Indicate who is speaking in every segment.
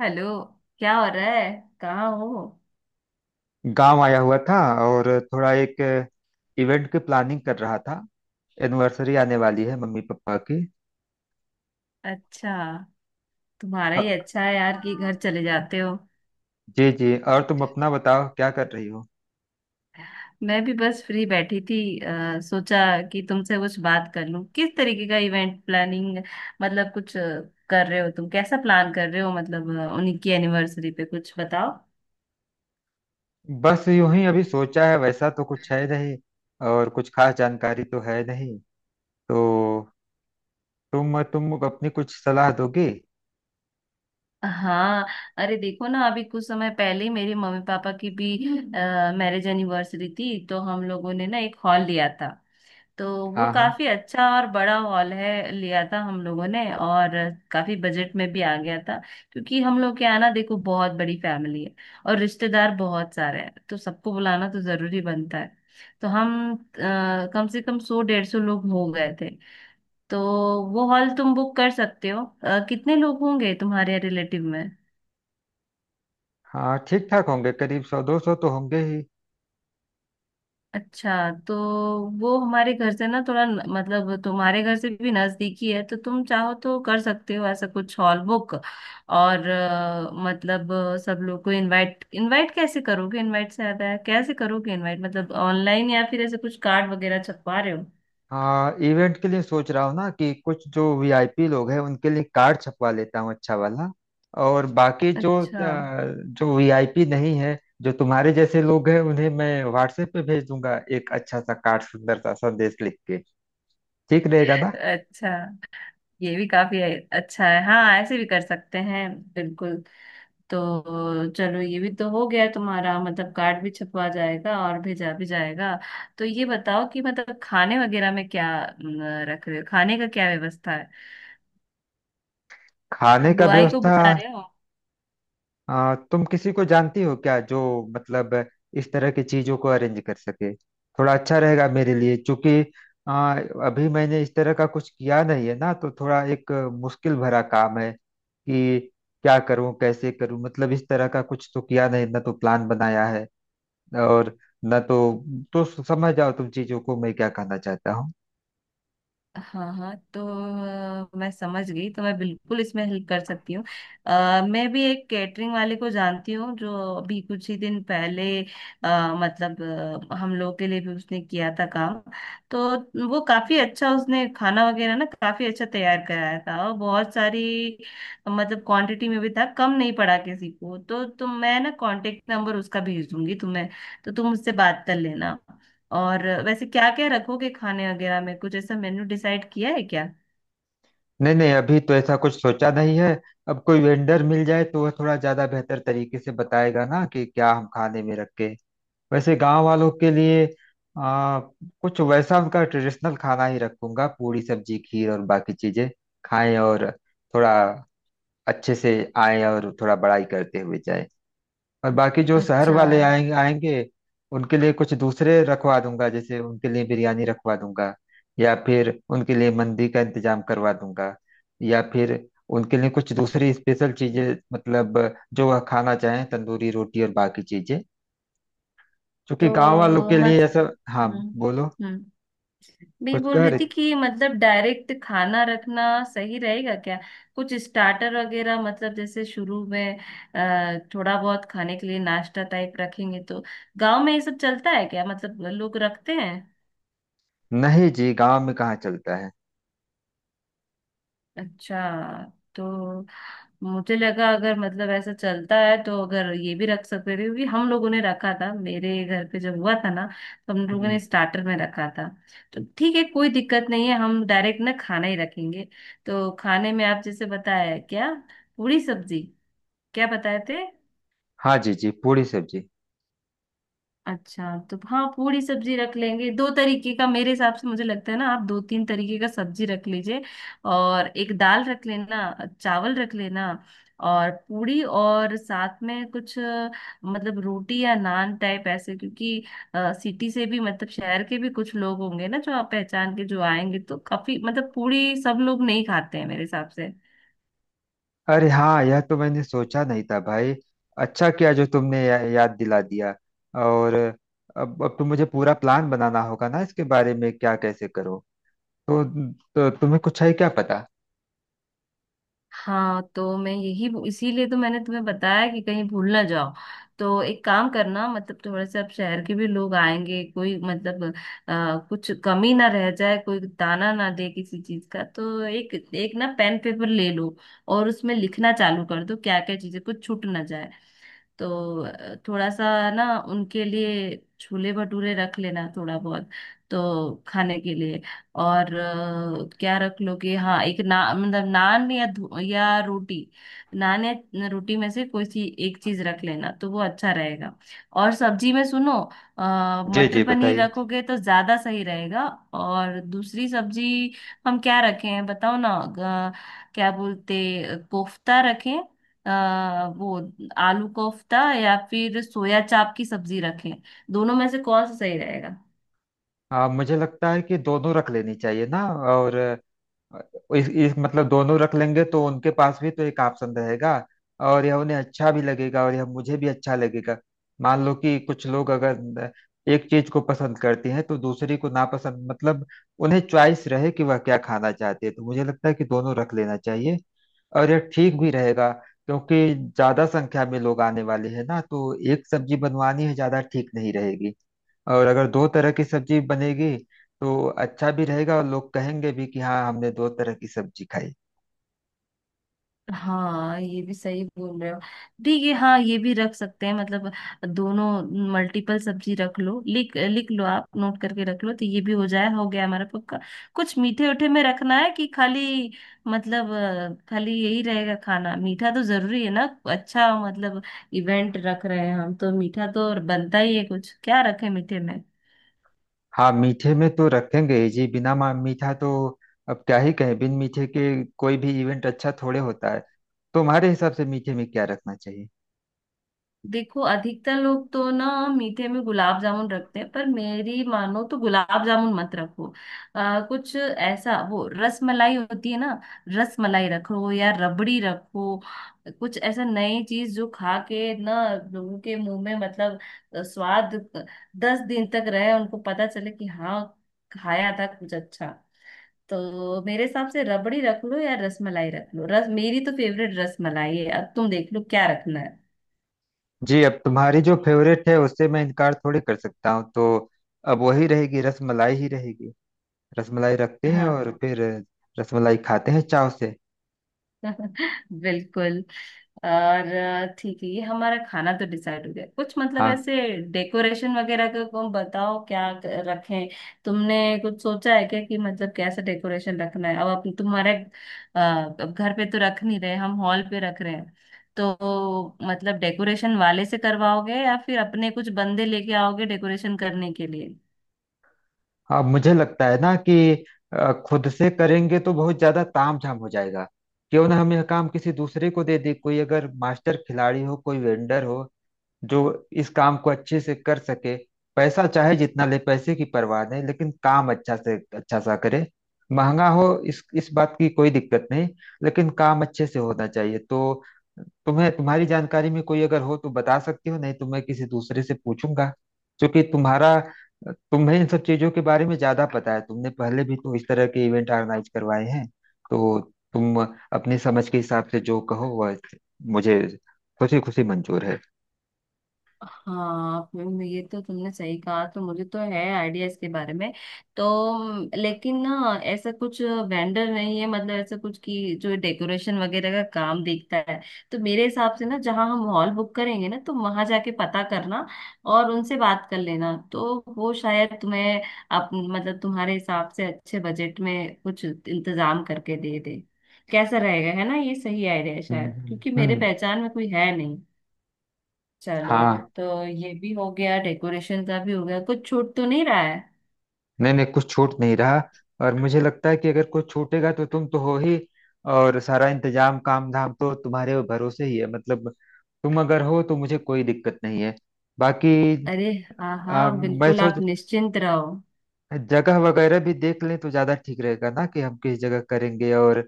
Speaker 1: Hello. क्या हो रहा है? कहाँ हो?
Speaker 2: गांव आया हुआ था। और थोड़ा एक इवेंट की प्लानिंग कर रहा था। एनिवर्सरी आने वाली है मम्मी पापा की।
Speaker 1: अच्छा। तुम्हारा
Speaker 2: अ,
Speaker 1: ही अच्छा है यार कि घर चले जाते हो।
Speaker 2: जी जी, और तुम अपना बताओ क्या कर रही हो।
Speaker 1: मैं भी बस फ्री बैठी थी, सोचा कि तुमसे कुछ बात कर लूं किस तरीके का इवेंट प्लानिंग मतलब कुछ कर रहे हो तुम। कैसा प्लान कर रहे हो, मतलब उनकी एनिवर्सरी पे कुछ बताओ।
Speaker 2: बस यूं ही अभी सोचा है, वैसा तो कुछ है नहीं। और कुछ खास जानकारी तो है नहीं, तो तुम अपनी कुछ सलाह दोगे।
Speaker 1: हाँ, अरे देखो ना, अभी कुछ समय पहले ही मेरे मम्मी पापा की भी मैरिज एनिवर्सरी थी, तो हम लोगों ने ना एक हॉल लिया था। तो वो
Speaker 2: हाँ हाँ।
Speaker 1: काफी अच्छा और बड़ा हॉल है, लिया था हम लोगों ने, और काफी बजट में भी आ गया था। क्योंकि हम लोग के यहाँ ना देखो बहुत बड़ी फैमिली है, और रिश्तेदार बहुत सारे हैं, तो सबको बुलाना तो जरूरी बनता है। तो हम कम से कम सौ 150 लोग हो गए थे। तो वो हॉल तुम बुक कर सकते हो। कितने लोग होंगे तुम्हारे रिलेटिव में?
Speaker 2: हाँ ठीक ठाक होंगे, करीब 100 200 तो होंगे ही।
Speaker 1: अच्छा, तो वो हमारे घर से ना थोड़ा मतलब तुम्हारे घर से भी नजदीकी है, तो तुम चाहो तो कर सकते हो ऐसा कुछ हॉल बुक। और मतलब सब लोग को इनवाइट इनवाइट कैसे करोगे, इनवाइट से ज्यादा है कैसे करोगे इनवाइट, मतलब ऑनलाइन या फिर ऐसे कुछ कार्ड वगैरह छपवा रहे हो?
Speaker 2: हाँ इवेंट के लिए सोच रहा हूँ ना, कि कुछ जो वीआईपी लोग हैं उनके लिए कार्ड छपवा लेता हूँ अच्छा वाला। और बाकी जो
Speaker 1: अच्छा।
Speaker 2: जो वीआईपी नहीं है, जो तुम्हारे जैसे लोग हैं, उन्हें मैं व्हाट्सएप पे भेज दूंगा एक अच्छा सा कार्ड, सुंदर सा संदेश लिख के। ठीक रहेगा ना।
Speaker 1: अच्छा, ये भी काफी अच्छा है। हाँ, ऐसे भी कर सकते हैं, बिल्कुल। तो चलो ये भी तो हो गया तुम्हारा, मतलब कार्ड भी छपवा जाएगा और भेजा भी जाएगा। तो ये बताओ कि मतलब खाने वगैरह में क्या रख रहे हो, खाने का क्या व्यवस्था है?
Speaker 2: खाने का
Speaker 1: हलवाई को
Speaker 2: व्यवस्था।
Speaker 1: बुला रहे हो?
Speaker 2: तुम किसी को जानती हो क्या, जो मतलब इस तरह की चीजों को अरेंज कर सके। थोड़ा अच्छा रहेगा मेरे लिए, क्योंकि आ, अभी मैंने इस तरह का कुछ किया नहीं है ना, तो थोड़ा एक मुश्किल भरा काम है कि क्या करूं कैसे करूं। मतलब इस तरह का कुछ तो किया नहीं ना, तो प्लान बनाया है और ना तो समझ जाओ तुम चीजों को, मैं क्या कहना चाहता हूँ।
Speaker 1: हाँ हाँ, तो मैं समझ गई, तो मैं बिल्कुल इसमें हेल्प कर सकती हूँ। मैं भी एक कैटरिंग वाले को जानती हूँ, जो अभी कुछ ही दिन पहले मतलब हम लोग के लिए भी उसने किया था काम। तो वो काफी अच्छा, उसने खाना वगैरह ना काफी अच्छा तैयार कराया था, और बहुत सारी मतलब क्वांटिटी में भी था, कम नहीं पड़ा किसी को। तो तुम, मैं ना कांटेक्ट नंबर उसका भेज दूंगी तुम्हें, तो तुम उससे बात कर लेना। और वैसे क्या क्या रखोगे खाने वगैरह में, कुछ ऐसा मेन्यू डिसाइड किया है क्या?
Speaker 2: नहीं नहीं, अभी तो ऐसा कुछ सोचा नहीं है। अब कोई वेंडर मिल जाए तो वह थोड़ा ज्यादा बेहतर तरीके से बताएगा ना कि क्या हम खाने में रखें। वैसे गांव वालों के लिए आ, कुछ वैसा उनका ट्रेडिशनल खाना ही रखूंगा, पूरी सब्जी खीर और बाकी चीजें खाएं, और थोड़ा अच्छे से आए और थोड़ा बड़ाई करते हुए जाए। और बाकी जो शहर
Speaker 1: अच्छा।
Speaker 2: वाले आएंगे आएंगे, उनके लिए कुछ दूसरे रखवा दूंगा। जैसे उनके लिए बिरयानी रखवा दूंगा, या फिर उनके लिए मंदी का इंतजाम करवा दूंगा, या फिर उनके लिए कुछ दूसरी स्पेशल चीजें, मतलब जो वह खाना चाहें, तंदूरी रोटी और बाकी चीजें। क्योंकि गांव वालों
Speaker 1: तो
Speaker 2: के
Speaker 1: मत,
Speaker 2: लिए ऐसा। हाँ।
Speaker 1: हम्म,
Speaker 2: बोलो,
Speaker 1: हम्म। मैं ये
Speaker 2: कुछ
Speaker 1: बोल
Speaker 2: कह
Speaker 1: रही
Speaker 2: रहे
Speaker 1: थी
Speaker 2: थे।
Speaker 1: कि मतलब डायरेक्ट खाना रखना सही रहेगा क्या? कुछ स्टार्टर वगैरह, मतलब जैसे शुरू में थोड़ा बहुत खाने के लिए नाश्ता टाइप रखेंगे तो। गांव में ये सब चलता है क्या, मतलब लोग रखते हैं?
Speaker 2: नहीं जी, गांव में कहाँ चलता है।
Speaker 1: अच्छा, तो मुझे लगा अगर मतलब ऐसा चलता है, तो अगर ये भी रख सकते थे, क्योंकि हम लोगों ने रखा था मेरे घर पे जब हुआ था ना। तो हम लोगों ने
Speaker 2: हम्म।
Speaker 1: स्टार्टर में रखा था। तो ठीक है, कोई दिक्कत नहीं है, हम डायरेक्ट ना खाना ही रखेंगे। तो खाने में आप जैसे बताया क्या, पूरी सब्जी, क्या बताए थे?
Speaker 2: हाँ जी जी, पूरी सब्जी।
Speaker 1: अच्छा, तो हाँ पूरी सब्जी रख लेंगे दो तरीके का। मेरे हिसाब से मुझे लगता है ना, आप दो तीन तरीके का सब्जी रख लीजिए। और एक दाल रख लेना, चावल रख लेना, और पूरी, और साथ में कुछ मतलब रोटी या नान टाइप ऐसे। क्योंकि सिटी से भी, मतलब शहर के भी कुछ लोग होंगे ना जो आप पहचान के जो आएंगे, तो काफी मतलब पूरी सब लोग नहीं खाते हैं मेरे हिसाब से।
Speaker 2: अरे हाँ, यह तो मैंने सोचा नहीं था भाई। अच्छा किया जो तुमने याद दिला दिया। और अब तो मुझे पूरा प्लान बनाना होगा ना, इसके बारे में क्या कैसे करो। तो तुम्हें कुछ है क्या पता।
Speaker 1: हाँ, तो मैं यही, इसीलिए तो मैंने तुम्हें बताया कि कहीं भूल ना जाओ। तो एक काम करना, मतलब थोड़े से अब शहर के भी लोग आएंगे, कोई मतलब कुछ कमी ना रह जाए, कोई ताना ना दे किसी चीज का, तो एक एक ना पेन पेपर ले लो, और उसमें लिखना चालू कर दो क्या क्या चीजें, कुछ छूट ना जाए। तो थोड़ा सा ना उनके लिए छोले भटूरे रख लेना थोड़ा बहुत, तो खाने के लिए। और क्या रख लोगे, हाँ एक ना मतलब नान या या रोटी। नान या रोटी में से कोई सी एक चीज रख लेना, तो वो अच्छा रहेगा। और सब्जी में सुनो अ,
Speaker 2: जी जी
Speaker 1: मटर पनीर
Speaker 2: बताइए।
Speaker 1: रखोगे तो ज्यादा सही रहेगा। और दूसरी सब्जी हम क्या रखें, बताओ ना क्या बोलते, कोफ्ता रखें? वो आलू कोफ्ता या फिर सोया चाप की सब्जी रखें? दोनों में से कौन सा सही रहेगा?
Speaker 2: मुझे लगता है कि दोनों रख लेनी चाहिए ना। और इस मतलब दोनों रख लेंगे तो उनके पास भी तो एक ऑप्शन रहेगा। और यह उन्हें अच्छा भी लगेगा और यह मुझे भी अच्छा लगेगा। मान लो कि कुछ लोग अगर एक चीज को पसंद करते हैं तो दूसरी को नापसंद। मतलब उन्हें चॉइस रहे कि वह क्या खाना चाहते हैं, तो मुझे लगता है कि दोनों रख लेना चाहिए। और यह ठीक भी रहेगा, क्योंकि ज्यादा संख्या में लोग आने वाले हैं ना, तो एक सब्जी बनवानी है ज्यादा ठीक नहीं रहेगी। और अगर दो तरह की सब्जी बनेगी तो अच्छा भी रहेगा, और लोग कहेंगे भी कि हाँ हमने दो तरह की सब्जी खाई।
Speaker 1: हाँ, ये भी सही बोल रहे हो, ठीक है, हाँ ये भी रख सकते हैं मतलब दोनों। मल्टीपल सब्जी रख लो, लिख लिख लो, आप नोट करके रख लो, तो ये भी हो जाए, हो गया हमारा पक्का। कुछ मीठे उठे में रखना है कि खाली, मतलब खाली यही रहेगा खाना? मीठा तो जरूरी है ना। अच्छा, मतलब इवेंट रख रहे हैं हम तो मीठा तो और बनता ही है, कुछ क्या रखें मीठे में?
Speaker 2: हाँ मीठे में तो रखेंगे ही जी, बिना मीठा तो अब क्या ही कहें, बिन मीठे के कोई भी इवेंट अच्छा थोड़े होता है। तुम्हारे हिसाब से मीठे में क्या रखना चाहिए।
Speaker 1: देखो अधिकतर लोग तो ना मीठे में गुलाब जामुन रखते हैं, पर मेरी मानो तो गुलाब जामुन मत रखो। कुछ ऐसा, वो रस मलाई होती है ना, रस मलाई रखो या रबड़ी रखो। कुछ ऐसा नई चीज जो खा के ना लोगों के मुंह में, मतलब स्वाद 10 दिन तक रहे, उनको पता चले कि हाँ खाया था कुछ अच्छा। तो मेरे हिसाब से रबड़ी रख लो या रस मलाई रख लो, रस मेरी तो फेवरेट रस मलाई है, अब तुम देख लो क्या रखना है।
Speaker 2: जी, अब तुम्हारी जो फेवरेट है उससे मैं इनकार थोड़ी कर सकता हूँ, तो अब वही रहेगी, रसमलाई ही रहेगी। रसमलाई रखते हैं,
Speaker 1: हाँ
Speaker 2: और फिर रसमलाई खाते हैं चाव से।
Speaker 1: बिल्कुल। और ठीक है, ये हमारा खाना तो डिसाइड हो गया कुछ मतलब
Speaker 2: हाँ
Speaker 1: ऐसे। डेकोरेशन वगैरह का को बताओ क्या रखें। तुमने कुछ सोचा है क्या कि मतलब कैसा डेकोरेशन रखना है? अब अपन तुम्हारे अ, अब घर पे तो रख नहीं रहे, हम हॉल पे रख रहे हैं। तो मतलब डेकोरेशन वाले से करवाओगे या फिर अपने कुछ बंदे लेके आओगे डेकोरेशन करने के लिए?
Speaker 2: हाँ मुझे लगता है ना कि खुद से करेंगे तो बहुत ज्यादा ताम झाम हो जाएगा। क्यों ना हम यह काम किसी दूसरे को दे दें, कोई अगर मास्टर खिलाड़ी हो, कोई वेंडर हो जो इस काम को अच्छे से कर सके। पैसा चाहे जितना ले, पैसे की परवाह नहीं, लेकिन काम अच्छा से अच्छा सा करे। महंगा हो, इस बात की कोई दिक्कत नहीं, लेकिन काम अच्छे से होना चाहिए। तो तुम्हें, तुम्हारी जानकारी में कोई अगर हो तो बता सकती हो, नहीं तो मैं किसी दूसरे से पूछूंगा। क्योंकि तुम्हारा, तुम्हें इन सब चीजों के बारे में ज्यादा पता है, तुमने पहले भी तो इस तरह के इवेंट ऑर्गेनाइज करवाए हैं। तो तुम अपनी समझ के हिसाब से जो कहो वह मुझे खुशी खुशी मंजूर है।
Speaker 1: हाँ फिल्म, ये तो तुमने सही कहा, तो मुझे तो है आइडिया इसके बारे में। तो लेकिन ना ऐसा कुछ वेंडर नहीं है, मतलब ऐसा कुछ कि जो डेकोरेशन वगैरह का काम देखता है। तो मेरे हिसाब से ना जहाँ हम हॉल बुक करेंगे ना, तो वहां जाके पता करना और उनसे बात कर लेना, तो वो शायद तुम्हें मतलब तुम्हारे हिसाब से अच्छे बजट में कुछ इंतजाम करके दे दे। कैसा रहेगा, है ना, ये सही आइडिया है
Speaker 2: हम्म,
Speaker 1: शायद, क्योंकि मेरे
Speaker 2: हम्म।
Speaker 1: पहचान में कोई है। चलो,
Speaker 2: हाँ।
Speaker 1: तो ये भी हो गया, डेकोरेशन का भी हो गया, कुछ छूट तो नहीं रहा है?
Speaker 2: नहीं नहीं, कुछ छूट नहीं रहा। और मुझे लगता है कि अगर कुछ छूटेगा तो तुम तो हो ही। और सारा इंतजाम काम धाम तो तुम्हारे भरोसे ही है, मतलब तुम अगर हो तो मुझे कोई दिक्कत नहीं है। बाकी
Speaker 1: अरे, हाँ हाँ
Speaker 2: मैं
Speaker 1: बिल्कुल, आप
Speaker 2: सोच,
Speaker 1: निश्चिंत रहो।
Speaker 2: जगह वगैरह भी देख लें तो ज्यादा ठीक रहेगा ना, कि हम किस जगह करेंगे और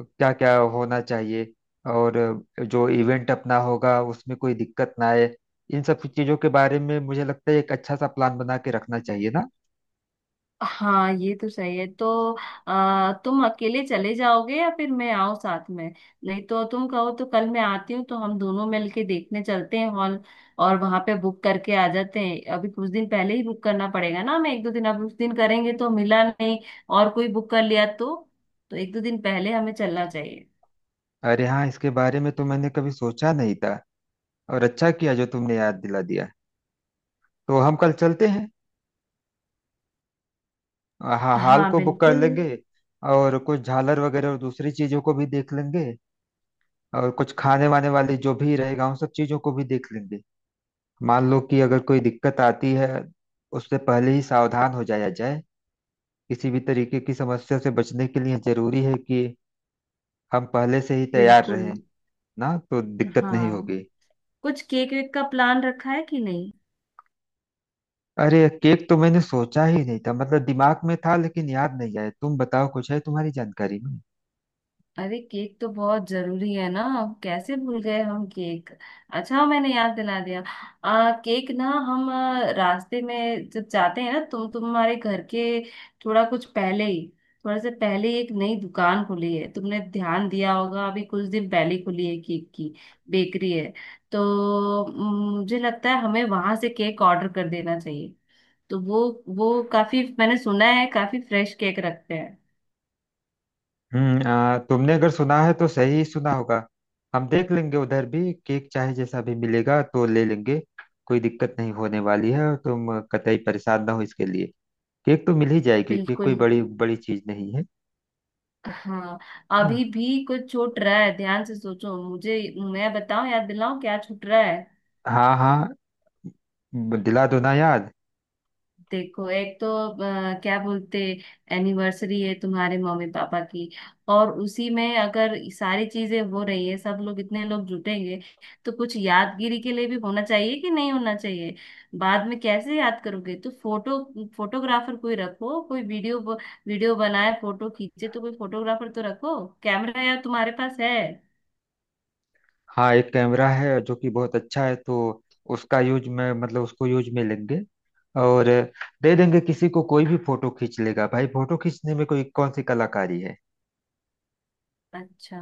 Speaker 2: क्या क्या होना चाहिए। और जो इवेंट अपना होगा उसमें कोई दिक्कत ना आए। इन सब चीजों के बारे में मुझे लगता है एक अच्छा सा प्लान बना के रखना चाहिए ना।
Speaker 1: हाँ, ये तो सही है, तो तुम अकेले चले जाओगे या फिर मैं आऊँ साथ में? नहीं, तो तुम कहो तो कल मैं आती हूँ, तो हम दोनों मिलके देखने चलते हैं हॉल, और वहां पे बुक करके आ जाते हैं। अभी कुछ दिन पहले ही बुक करना पड़ेगा ना हमें, एक दो दिन। अब उस दिन करेंगे तो मिला नहीं, और कोई बुक कर लिया तो एक दो दिन पहले हमें चलना चाहिए।
Speaker 2: अरे हाँ, इसके बारे में तो मैंने कभी सोचा नहीं था, और अच्छा किया जो तुमने याद दिला दिया। तो हम कल चलते हैं, हाल
Speaker 1: हाँ
Speaker 2: को बुक कर
Speaker 1: बिल्कुल।
Speaker 2: लेंगे। और कुछ झालर वगैरह और दूसरी चीजों को भी देख लेंगे। और कुछ खाने वाने वाली जो भी रहेगा उन सब चीजों को भी देख लेंगे। मान लो कि अगर कोई दिक्कत आती है, उससे पहले ही सावधान हो जाया जाए। किसी भी तरीके की समस्या से बचने के लिए जरूरी है कि हम पहले से ही तैयार
Speaker 1: बिल्कुल
Speaker 2: रहें। ना तो दिक्कत नहीं
Speaker 1: हाँ।
Speaker 2: होगी।
Speaker 1: कुछ केक वेक का प्लान रखा है कि नहीं?
Speaker 2: अरे केक तो मैंने सोचा ही नहीं था, मतलब दिमाग में था लेकिन याद नहीं आया। तुम बताओ, कुछ है तुम्हारी जानकारी में।
Speaker 1: अरे केक तो बहुत जरूरी है ना, अब कैसे भूल गए हम केक, अच्छा मैंने याद दिला दिया। केक ना हम रास्ते में जब जाते हैं ना तुम तुम्हारे घर के थोड़ा कुछ पहले ही, थोड़ा से पहले ही एक नई दुकान खुली है, तुमने ध्यान दिया होगा, अभी कुछ दिन पहले ही खुली है, केक की बेकरी है। तो मुझे लगता है हमें वहां से केक ऑर्डर कर देना चाहिए। तो वो काफी, मैंने सुना है काफी फ्रेश केक रखते हैं।
Speaker 2: हम्म। तुमने अगर सुना है तो सही ही सुना होगा। हम देख लेंगे उधर भी, केक चाहे जैसा भी मिलेगा तो ले लेंगे। कोई दिक्कत नहीं होने वाली है, और तुम कतई परेशान ना हो इसके लिए। केक तो मिल ही जाएगी, केक कोई
Speaker 1: बिल्कुल।
Speaker 2: बड़ी बड़ी चीज नहीं है।
Speaker 1: हाँ।
Speaker 2: हाँ
Speaker 1: अभी भी कुछ छूट रहा है, ध्यान से सोचो, मुझे मैं बताऊं, याद दिलाऊं क्या छूट रहा है?
Speaker 2: हाँ। हाँ दिला दो ना याद।
Speaker 1: देखो, एक तो क्या बोलते, एनिवर्सरी है तुम्हारे मम्मी पापा की, और उसी में अगर सारी चीजें हो रही है, सब लोग इतने लोग जुटेंगे, तो कुछ यादगिरी के लिए भी होना चाहिए कि नहीं होना चाहिए? बाद में कैसे याद करोगे, तो फोटो, फोटोग्राफर कोई रखो, कोई वीडियो, वीडियो बनाए, फोटो खींचे, तो कोई फोटोग्राफर तो रखो। कैमरा यार तुम्हारे पास है?
Speaker 2: हाँ एक कैमरा है जो कि बहुत अच्छा है, तो उसका यूज में मतलब उसको यूज में लेंगे। और दे देंगे किसी को, कोई भी फोटो खींच लेगा भाई। फोटो खींचने में कोई कौन सी कलाकारी है।
Speaker 1: अच्छा,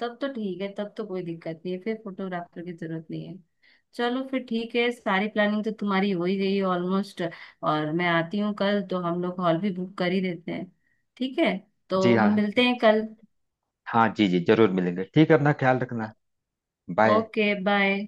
Speaker 1: तब तो ठीक है, तब तो कोई दिक्कत नहीं है, फिर फोटोग्राफर की जरूरत नहीं है। चलो फिर ठीक है, सारी प्लानिंग तो तुम्हारी हो ही गई है ऑलमोस्ट, और मैं आती हूँ कल, तो हम लोग हॉल भी बुक कर ही देते हैं। ठीक है,
Speaker 2: जी
Speaker 1: तो हम
Speaker 2: हाँ।
Speaker 1: मिलते हैं कल।
Speaker 2: हाँ जी जी, जरूर मिलेंगे। ठीक है, अपना ख्याल रखना। बाय।
Speaker 1: Okay bye.